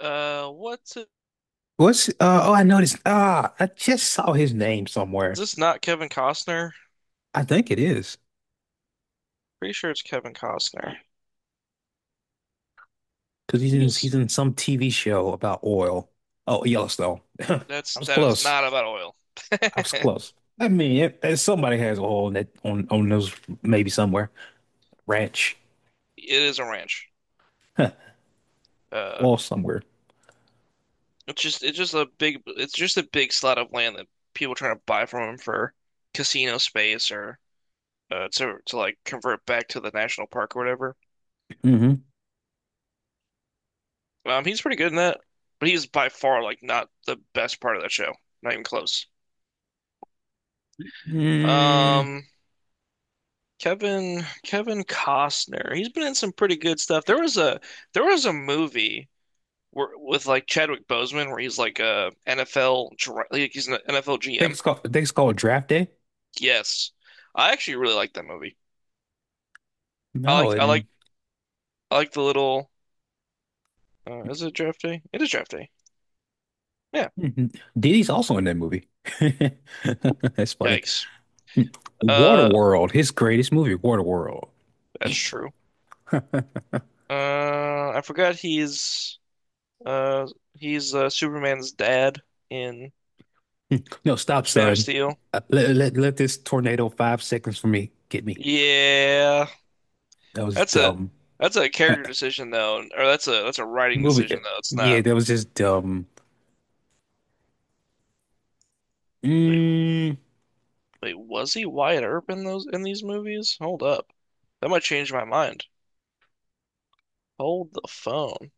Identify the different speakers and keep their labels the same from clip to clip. Speaker 1: What's it?
Speaker 2: What's uh Oh, I noticed, I just saw his name
Speaker 1: Is
Speaker 2: somewhere.
Speaker 1: this not Kevin Costner?
Speaker 2: I think it is
Speaker 1: Pretty sure it's Kevin Costner.
Speaker 2: because he's in
Speaker 1: He's
Speaker 2: he's in some TV show about oil. Oh, Yellowstone. I
Speaker 1: that's
Speaker 2: was
Speaker 1: that is
Speaker 2: close.
Speaker 1: not about oil.
Speaker 2: I was close. I mean, if somebody has oil in that, on those, maybe somewhere, ranch.
Speaker 1: It is a ranch.
Speaker 2: Huh,
Speaker 1: Uh,
Speaker 2: oil somewhere.
Speaker 1: it's just it's just a big slot of land that people trying to buy from him for casino space or to like convert back to the national park or whatever.
Speaker 2: Mm-hmm.
Speaker 1: He's pretty good in that, but he's by far like not the best part of that show. Not even close.
Speaker 2: Mm, I
Speaker 1: Um, Kevin Costner. He's been in some pretty good stuff. There was a movie where with like Chadwick Boseman where he's like a NFL like he's an NFL
Speaker 2: think
Speaker 1: GM.
Speaker 2: it's called I think it's called Draft Day.
Speaker 1: Yes. I actually really like that movie. I
Speaker 2: No,
Speaker 1: like I
Speaker 2: and
Speaker 1: like I like the little is it draft day? It is draft day. Yeah.
Speaker 2: mhm. Diddy's also in that movie. That's funny.
Speaker 1: Yikes. Uh
Speaker 2: Waterworld, his greatest movie, Waterworld.
Speaker 1: that's true. I forgot uh he's Superman's dad in
Speaker 2: No, stop,
Speaker 1: Man of
Speaker 2: son.
Speaker 1: Steel.
Speaker 2: Let this tornado 5 seconds for me get me.
Speaker 1: Yeah.
Speaker 2: That was
Speaker 1: That's a
Speaker 2: dumb. Uh,
Speaker 1: character decision though, or that's a writing
Speaker 2: Movie.
Speaker 1: decision though. It's
Speaker 2: Yeah,
Speaker 1: not.
Speaker 2: that was just dumb.
Speaker 1: Wait,
Speaker 2: Mm,
Speaker 1: wait, was he Wyatt Earp in those in these movies? Hold up, that might change my mind. Hold the phone.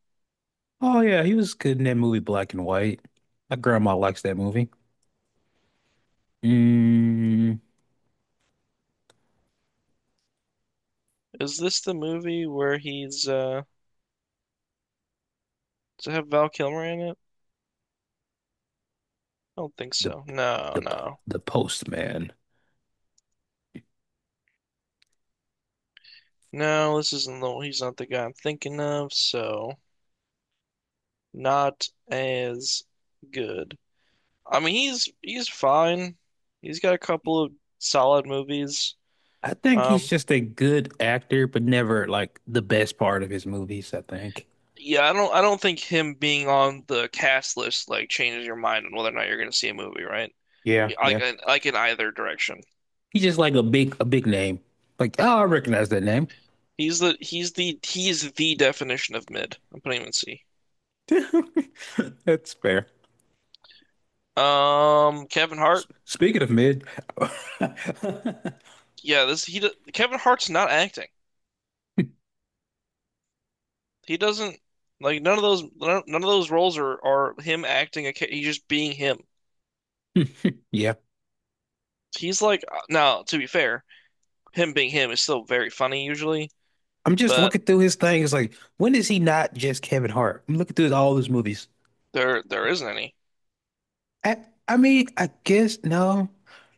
Speaker 2: oh, yeah, he was good in that movie Black and White. My grandma likes that movie. Mm,
Speaker 1: Is this the movie where he's does it have Val Kilmer in it? I don't think
Speaker 2: the,
Speaker 1: so. No,
Speaker 2: the,
Speaker 1: no,
Speaker 2: the Postman.
Speaker 1: no. This isn't the he's not the guy I'm thinking of. So not as good. I mean, he's fine. He's got a couple of solid movies.
Speaker 2: I think he's
Speaker 1: Um,
Speaker 2: just a good actor, but never like the best part of his movies, I think.
Speaker 1: Yeah, I don't think him being on the cast list like changes your mind on whether or not you're going to see a movie, right?
Speaker 2: Yeah,
Speaker 1: Yeah, like
Speaker 2: yeah.
Speaker 1: like in either direction.
Speaker 2: He's just like a big name. Like, oh, I recognize that name.
Speaker 1: He's the definition of mid. I'm putting him in C.
Speaker 2: That's fair.
Speaker 1: Kevin Hart.
Speaker 2: Speaking of mid.
Speaker 1: Yeah, Kevin Hart's not acting. He doesn't like none of those roles are him acting. He's just being him.
Speaker 2: Yeah,
Speaker 1: He's like now, to be fair, him being him is still very funny usually,
Speaker 2: I'm just
Speaker 1: but
Speaker 2: looking through his thing. It's like, when is he not just Kevin Hart? I'm looking through all his movies.
Speaker 1: there isn't any.
Speaker 2: I, I mean, I guess no.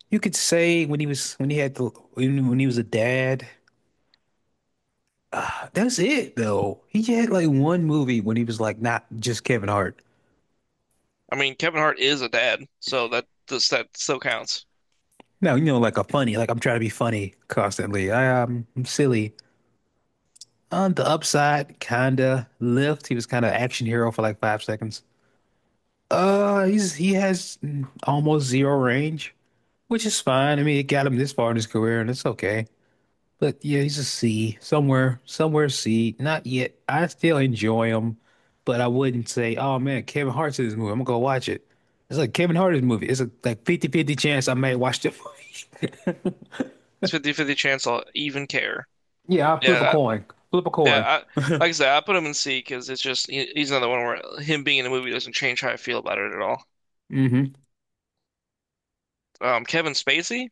Speaker 2: You could say when he was, when he had the, when he was a dad. That's it though. He had like one movie when he was like not just Kevin Hart.
Speaker 1: I mean, Kevin Hart is a dad, so that does that still counts.
Speaker 2: No, like a funny, like I'm trying to be funny constantly. I'm silly. On the upside, kinda. Lift, he was kind of action hero for like 5 seconds. He has almost zero range, which is fine. I mean, it got him this far in his career, and it's okay. But yeah, he's a C somewhere, somewhere C. Not yet. I still enjoy him, but I wouldn't say, oh man, Kevin Hart's in this movie. I'm gonna go watch it. It's like Kevin Hart's movie. It's a like fifty-fifty chance I may watch the movie.
Speaker 1: It's fifty-fifty chance I'll even care.
Speaker 2: Yeah, I'll flip a
Speaker 1: Yeah, I-
Speaker 2: coin. Flip a
Speaker 1: yeah.
Speaker 2: coin.
Speaker 1: Like I said, I put him in C because it's just he's another one where him being in the movie doesn't change how I feel about it at all.
Speaker 2: Hmm.
Speaker 1: Kevin Spacey,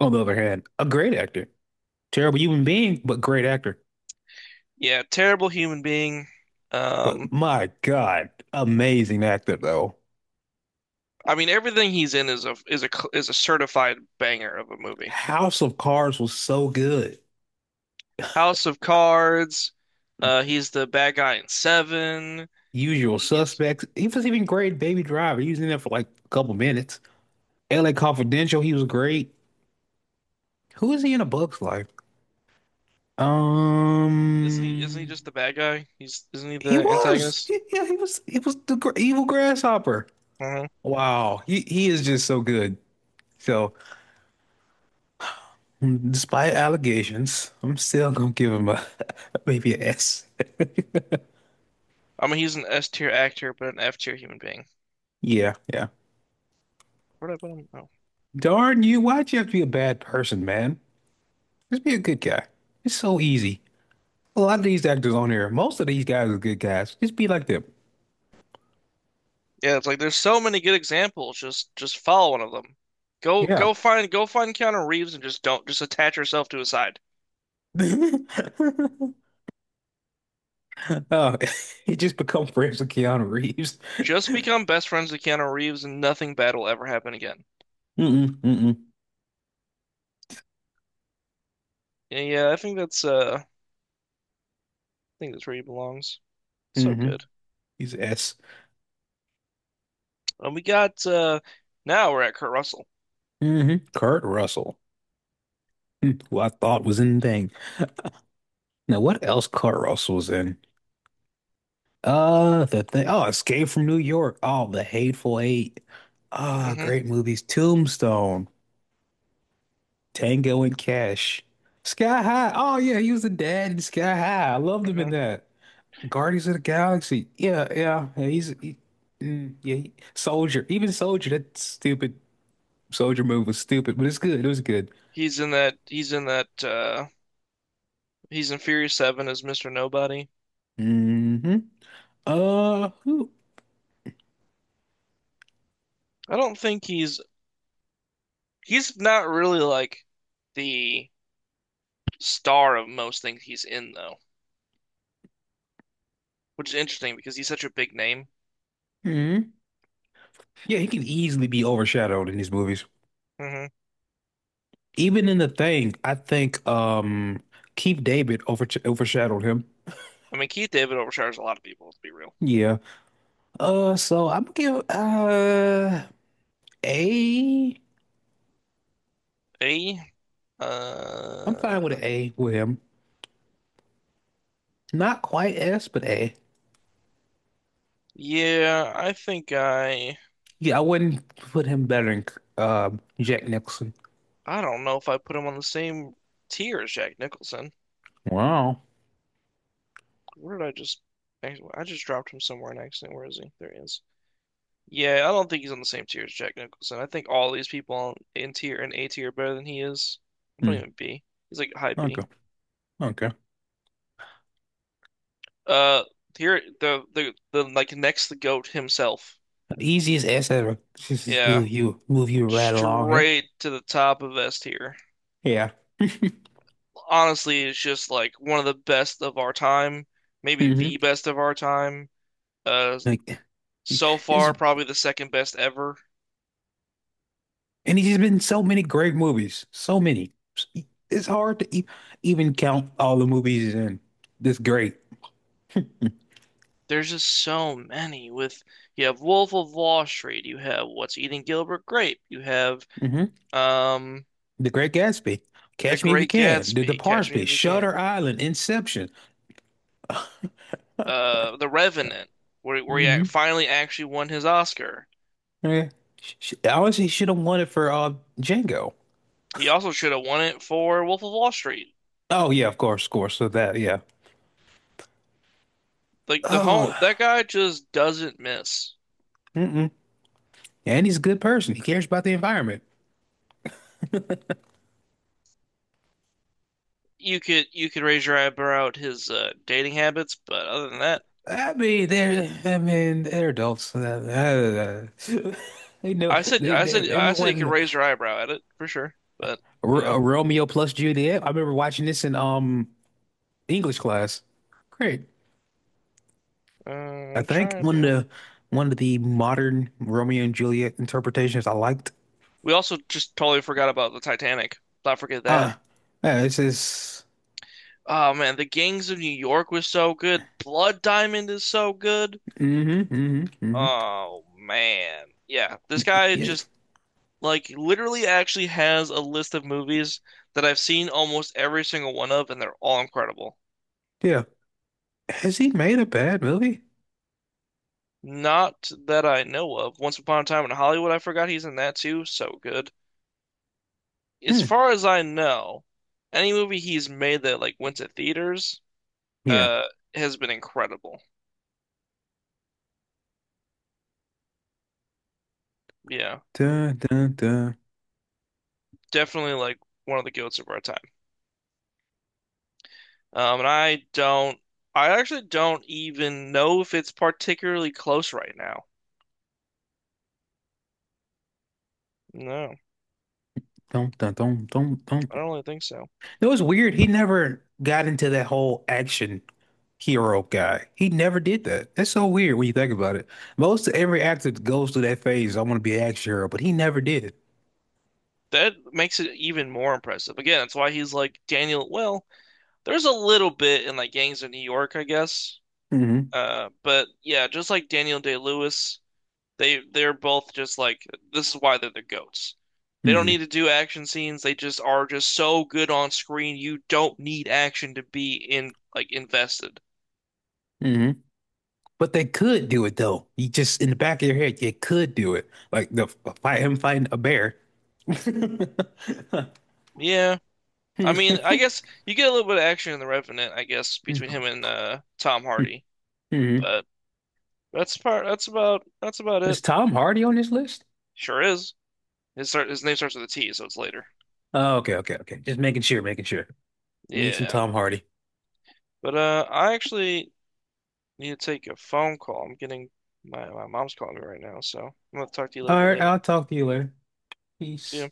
Speaker 2: On the other hand, a great actor. Terrible human being, but great actor.
Speaker 1: yeah, terrible human being. Um,
Speaker 2: But my God, amazing actor though.
Speaker 1: I mean, everything he's in is a certified banger of a movie.
Speaker 2: House of Cards was so good.
Speaker 1: House of Cards. He's the bad guy in Seven.
Speaker 2: Usual
Speaker 1: He's
Speaker 2: Suspects. He was even great in Baby Driver. He was in there for like a couple minutes. LA Confidential. He was great. Who is he in A Bug's Life?
Speaker 1: isn't he
Speaker 2: Um,
Speaker 1: just the bad guy? He's isn't he
Speaker 2: he
Speaker 1: the
Speaker 2: was.
Speaker 1: antagonist?
Speaker 2: He, yeah, he was. He was the gr evil grasshopper.
Speaker 1: I don't know.
Speaker 2: Wow. He is just so good. So, despite allegations, I'm still gonna give him a maybe an S.
Speaker 1: I mean, he's an S tier actor, but an F tier human being.
Speaker 2: Yeah, yeah.
Speaker 1: Where did I put him? Oh.
Speaker 2: Darn you! Why'd you have to be a bad person, man? Just be a good guy. It's so easy. A lot of these actors on here, most of these guys are good guys. Just be like them.
Speaker 1: Yeah, it's like there's so many good examples. Just follow one of them.
Speaker 2: Yeah.
Speaker 1: Go find Keanu Reeves and just don't just attach yourself to his side.
Speaker 2: Oh, he just become friends with Keanu Reeves.
Speaker 1: Just become best friends with Keanu Reeves and nothing bad will ever happen again.
Speaker 2: Mm-mm, mm-mm,
Speaker 1: Yeah, yeah, I think that's where he belongs. So
Speaker 2: mm-hmm.
Speaker 1: good.
Speaker 2: He's S.
Speaker 1: And we got now we're at Kurt Russell.
Speaker 2: Mm-hmm. Kurt Russell, who I thought was in Thing. Now, what else Kurt Russell was in? The thing. Oh, Escape from New York. Oh, The Hateful Eight. Ah,
Speaker 1: hmm
Speaker 2: great movies. Tombstone, Tango and Cash, Sky High. Oh yeah, he was the dad in Sky High. I loved him in
Speaker 1: hmm
Speaker 2: that. Guardians of the Galaxy. Yeah, yeah, yeah. Yeah, Soldier. Even Soldier. That stupid Soldier move was stupid, but it's good. It was good.
Speaker 1: He's in that he's in Furious Seven as Mr. Nobody.
Speaker 2: Hmm. Who?
Speaker 1: I don't think he's not really like the star of most things he's in, though, which is interesting because he's such a big name.
Speaker 2: Hmm. Yeah, he can easily be overshadowed in these movies.
Speaker 1: hmm
Speaker 2: Even in The Thing, I think Keith David overshadowed him.
Speaker 1: I mean, Keith David overshadows a lot of people, to be real.
Speaker 2: Yeah. So I'm gonna give A.
Speaker 1: A,
Speaker 2: I'm fine with
Speaker 1: uh,
Speaker 2: an A with him. Not quite S, but A.
Speaker 1: yeah,
Speaker 2: Yeah, I wouldn't put him better than uh, Jack Nicholson.
Speaker 1: I don't know if I put him on the same tier as Jack Nicholson.
Speaker 2: Wow.
Speaker 1: Where did I just dropped him somewhere in accident. Where is he? There he is. Yeah, I don't think he's on the same tier as Jack Nicholson. I think all these people in tier and A tier are better than he is. I'm putting him
Speaker 2: Hmm.
Speaker 1: in B. He's like high B.
Speaker 2: Okay. Okay.
Speaker 1: Uh, here the like next the goat himself.
Speaker 2: The easiest ass ever. Just
Speaker 1: Yeah,
Speaker 2: move you right along here.
Speaker 1: straight to the top of S tier.
Speaker 2: Yeah.
Speaker 1: Honestly, it's just like one of the best of our time, maybe
Speaker 2: Hmm.
Speaker 1: the best of our time. Uh,
Speaker 2: Like
Speaker 1: so
Speaker 2: it's
Speaker 1: far probably the second best ever.
Speaker 2: and he's been in so many great movies. So many. It's hard to e even count all the movies he's in. This great.
Speaker 1: There's just so many. With You have Wolf of Wall Street, you have What's Eating Gilbert Grape, you have
Speaker 2: Hmm.
Speaker 1: um
Speaker 2: The Great Gatsby.
Speaker 1: The
Speaker 2: Catch Me If You
Speaker 1: Great
Speaker 2: Can. The
Speaker 1: Gatsby, Catch Me
Speaker 2: Departed.
Speaker 1: If You
Speaker 2: Shutter
Speaker 1: Can,
Speaker 2: Island. Inception.
Speaker 1: The Revenant, where he
Speaker 2: Hmm.
Speaker 1: finally actually won his Oscar.
Speaker 2: Yeah. Honestly, she should have won it for Django.
Speaker 1: He also should have won it for Wolf of Wall Street.
Speaker 2: Oh yeah, of course, of course. So that yeah.
Speaker 1: Like the whole
Speaker 2: Oh,
Speaker 1: that guy just doesn't miss.
Speaker 2: mm-mm. And he's a good person. He cares about the environment.
Speaker 1: You could raise your eyebrow at his dating habits, but other than that,
Speaker 2: I mean, they're adults. They know, they
Speaker 1: I said you could
Speaker 2: everyone,
Speaker 1: raise your eyebrow at it for sure. But you
Speaker 2: R
Speaker 1: know,
Speaker 2: Romeo plus Juliet. I remember watching this in English class. Great. I
Speaker 1: I'm
Speaker 2: think
Speaker 1: trying
Speaker 2: one of
Speaker 1: to.
Speaker 2: the one of the modern Romeo and Juliet interpretations I liked.
Speaker 1: We also just totally forgot about the Titanic. Not forget that.
Speaker 2: Ah, yeah, this is.
Speaker 1: Oh man, the Gangs of New York was so good. Blood Diamond is so good.
Speaker 2: Mm-hmm, mm-hmm, mm-hmm.
Speaker 1: Oh man, yeah. This guy
Speaker 2: Yeah,
Speaker 1: just like literally actually has a list of movies that I've seen almost every single one of, and they're all incredible.
Speaker 2: yeah. Has he made a bad movie?
Speaker 1: Not that I know of. Once Upon a Time in Hollywood, I forgot he's in that too. So good. As
Speaker 2: Hmm.
Speaker 1: far as I know, any movie he's made that like went to theaters,
Speaker 2: Yeah.
Speaker 1: uh, has been incredible. Yeah,
Speaker 2: Dun, dun, dun.
Speaker 1: definitely like one of the goats of our time. And I don't, I actually don't even know if it's particularly close right now. No,
Speaker 2: Dun, dun, dun, dun, dun.
Speaker 1: I don't really think so.
Speaker 2: It was weird. He never got into that whole action hero guy. He never did that. That's so weird when you think about it. Most every actor goes through that phase, I want to be an action hero, but he never did.
Speaker 1: That makes it even more impressive. Again, that's why he's like Daniel. Well, there's a little bit in like Gangs of New York, I guess.
Speaker 2: Hmm.
Speaker 1: But yeah, just like Daniel Day-Lewis, they're both just like this is why they're the goats. They don't need
Speaker 2: Hmm.
Speaker 1: to do action scenes. They just are just so good on screen. You don't need action to be in like invested.
Speaker 2: Hmm. But they could do it though. You just in the back of your head, you could do it. Like the fight him fighting a bear.
Speaker 1: Yeah. I mean, I
Speaker 2: Hmm.
Speaker 1: guess you get a little bit of action in The Revenant, I guess, between him and Tom Hardy.
Speaker 2: Hmm.
Speaker 1: But that's about
Speaker 2: Is
Speaker 1: it.
Speaker 2: Tom Hardy on this list?
Speaker 1: Sure is. His name starts with a T, so it's later.
Speaker 2: Oh, okay, okay, okay. Just making sure, making sure. Need some
Speaker 1: Yeah.
Speaker 2: Tom Hardy.
Speaker 1: But I actually need to take a phone call. I'm getting my mom's calling me right now, so I'm gonna talk to you a little
Speaker 2: All
Speaker 1: bit
Speaker 2: right,
Speaker 1: later.
Speaker 2: I'll talk to you later.
Speaker 1: See
Speaker 2: Peace.
Speaker 1: ya.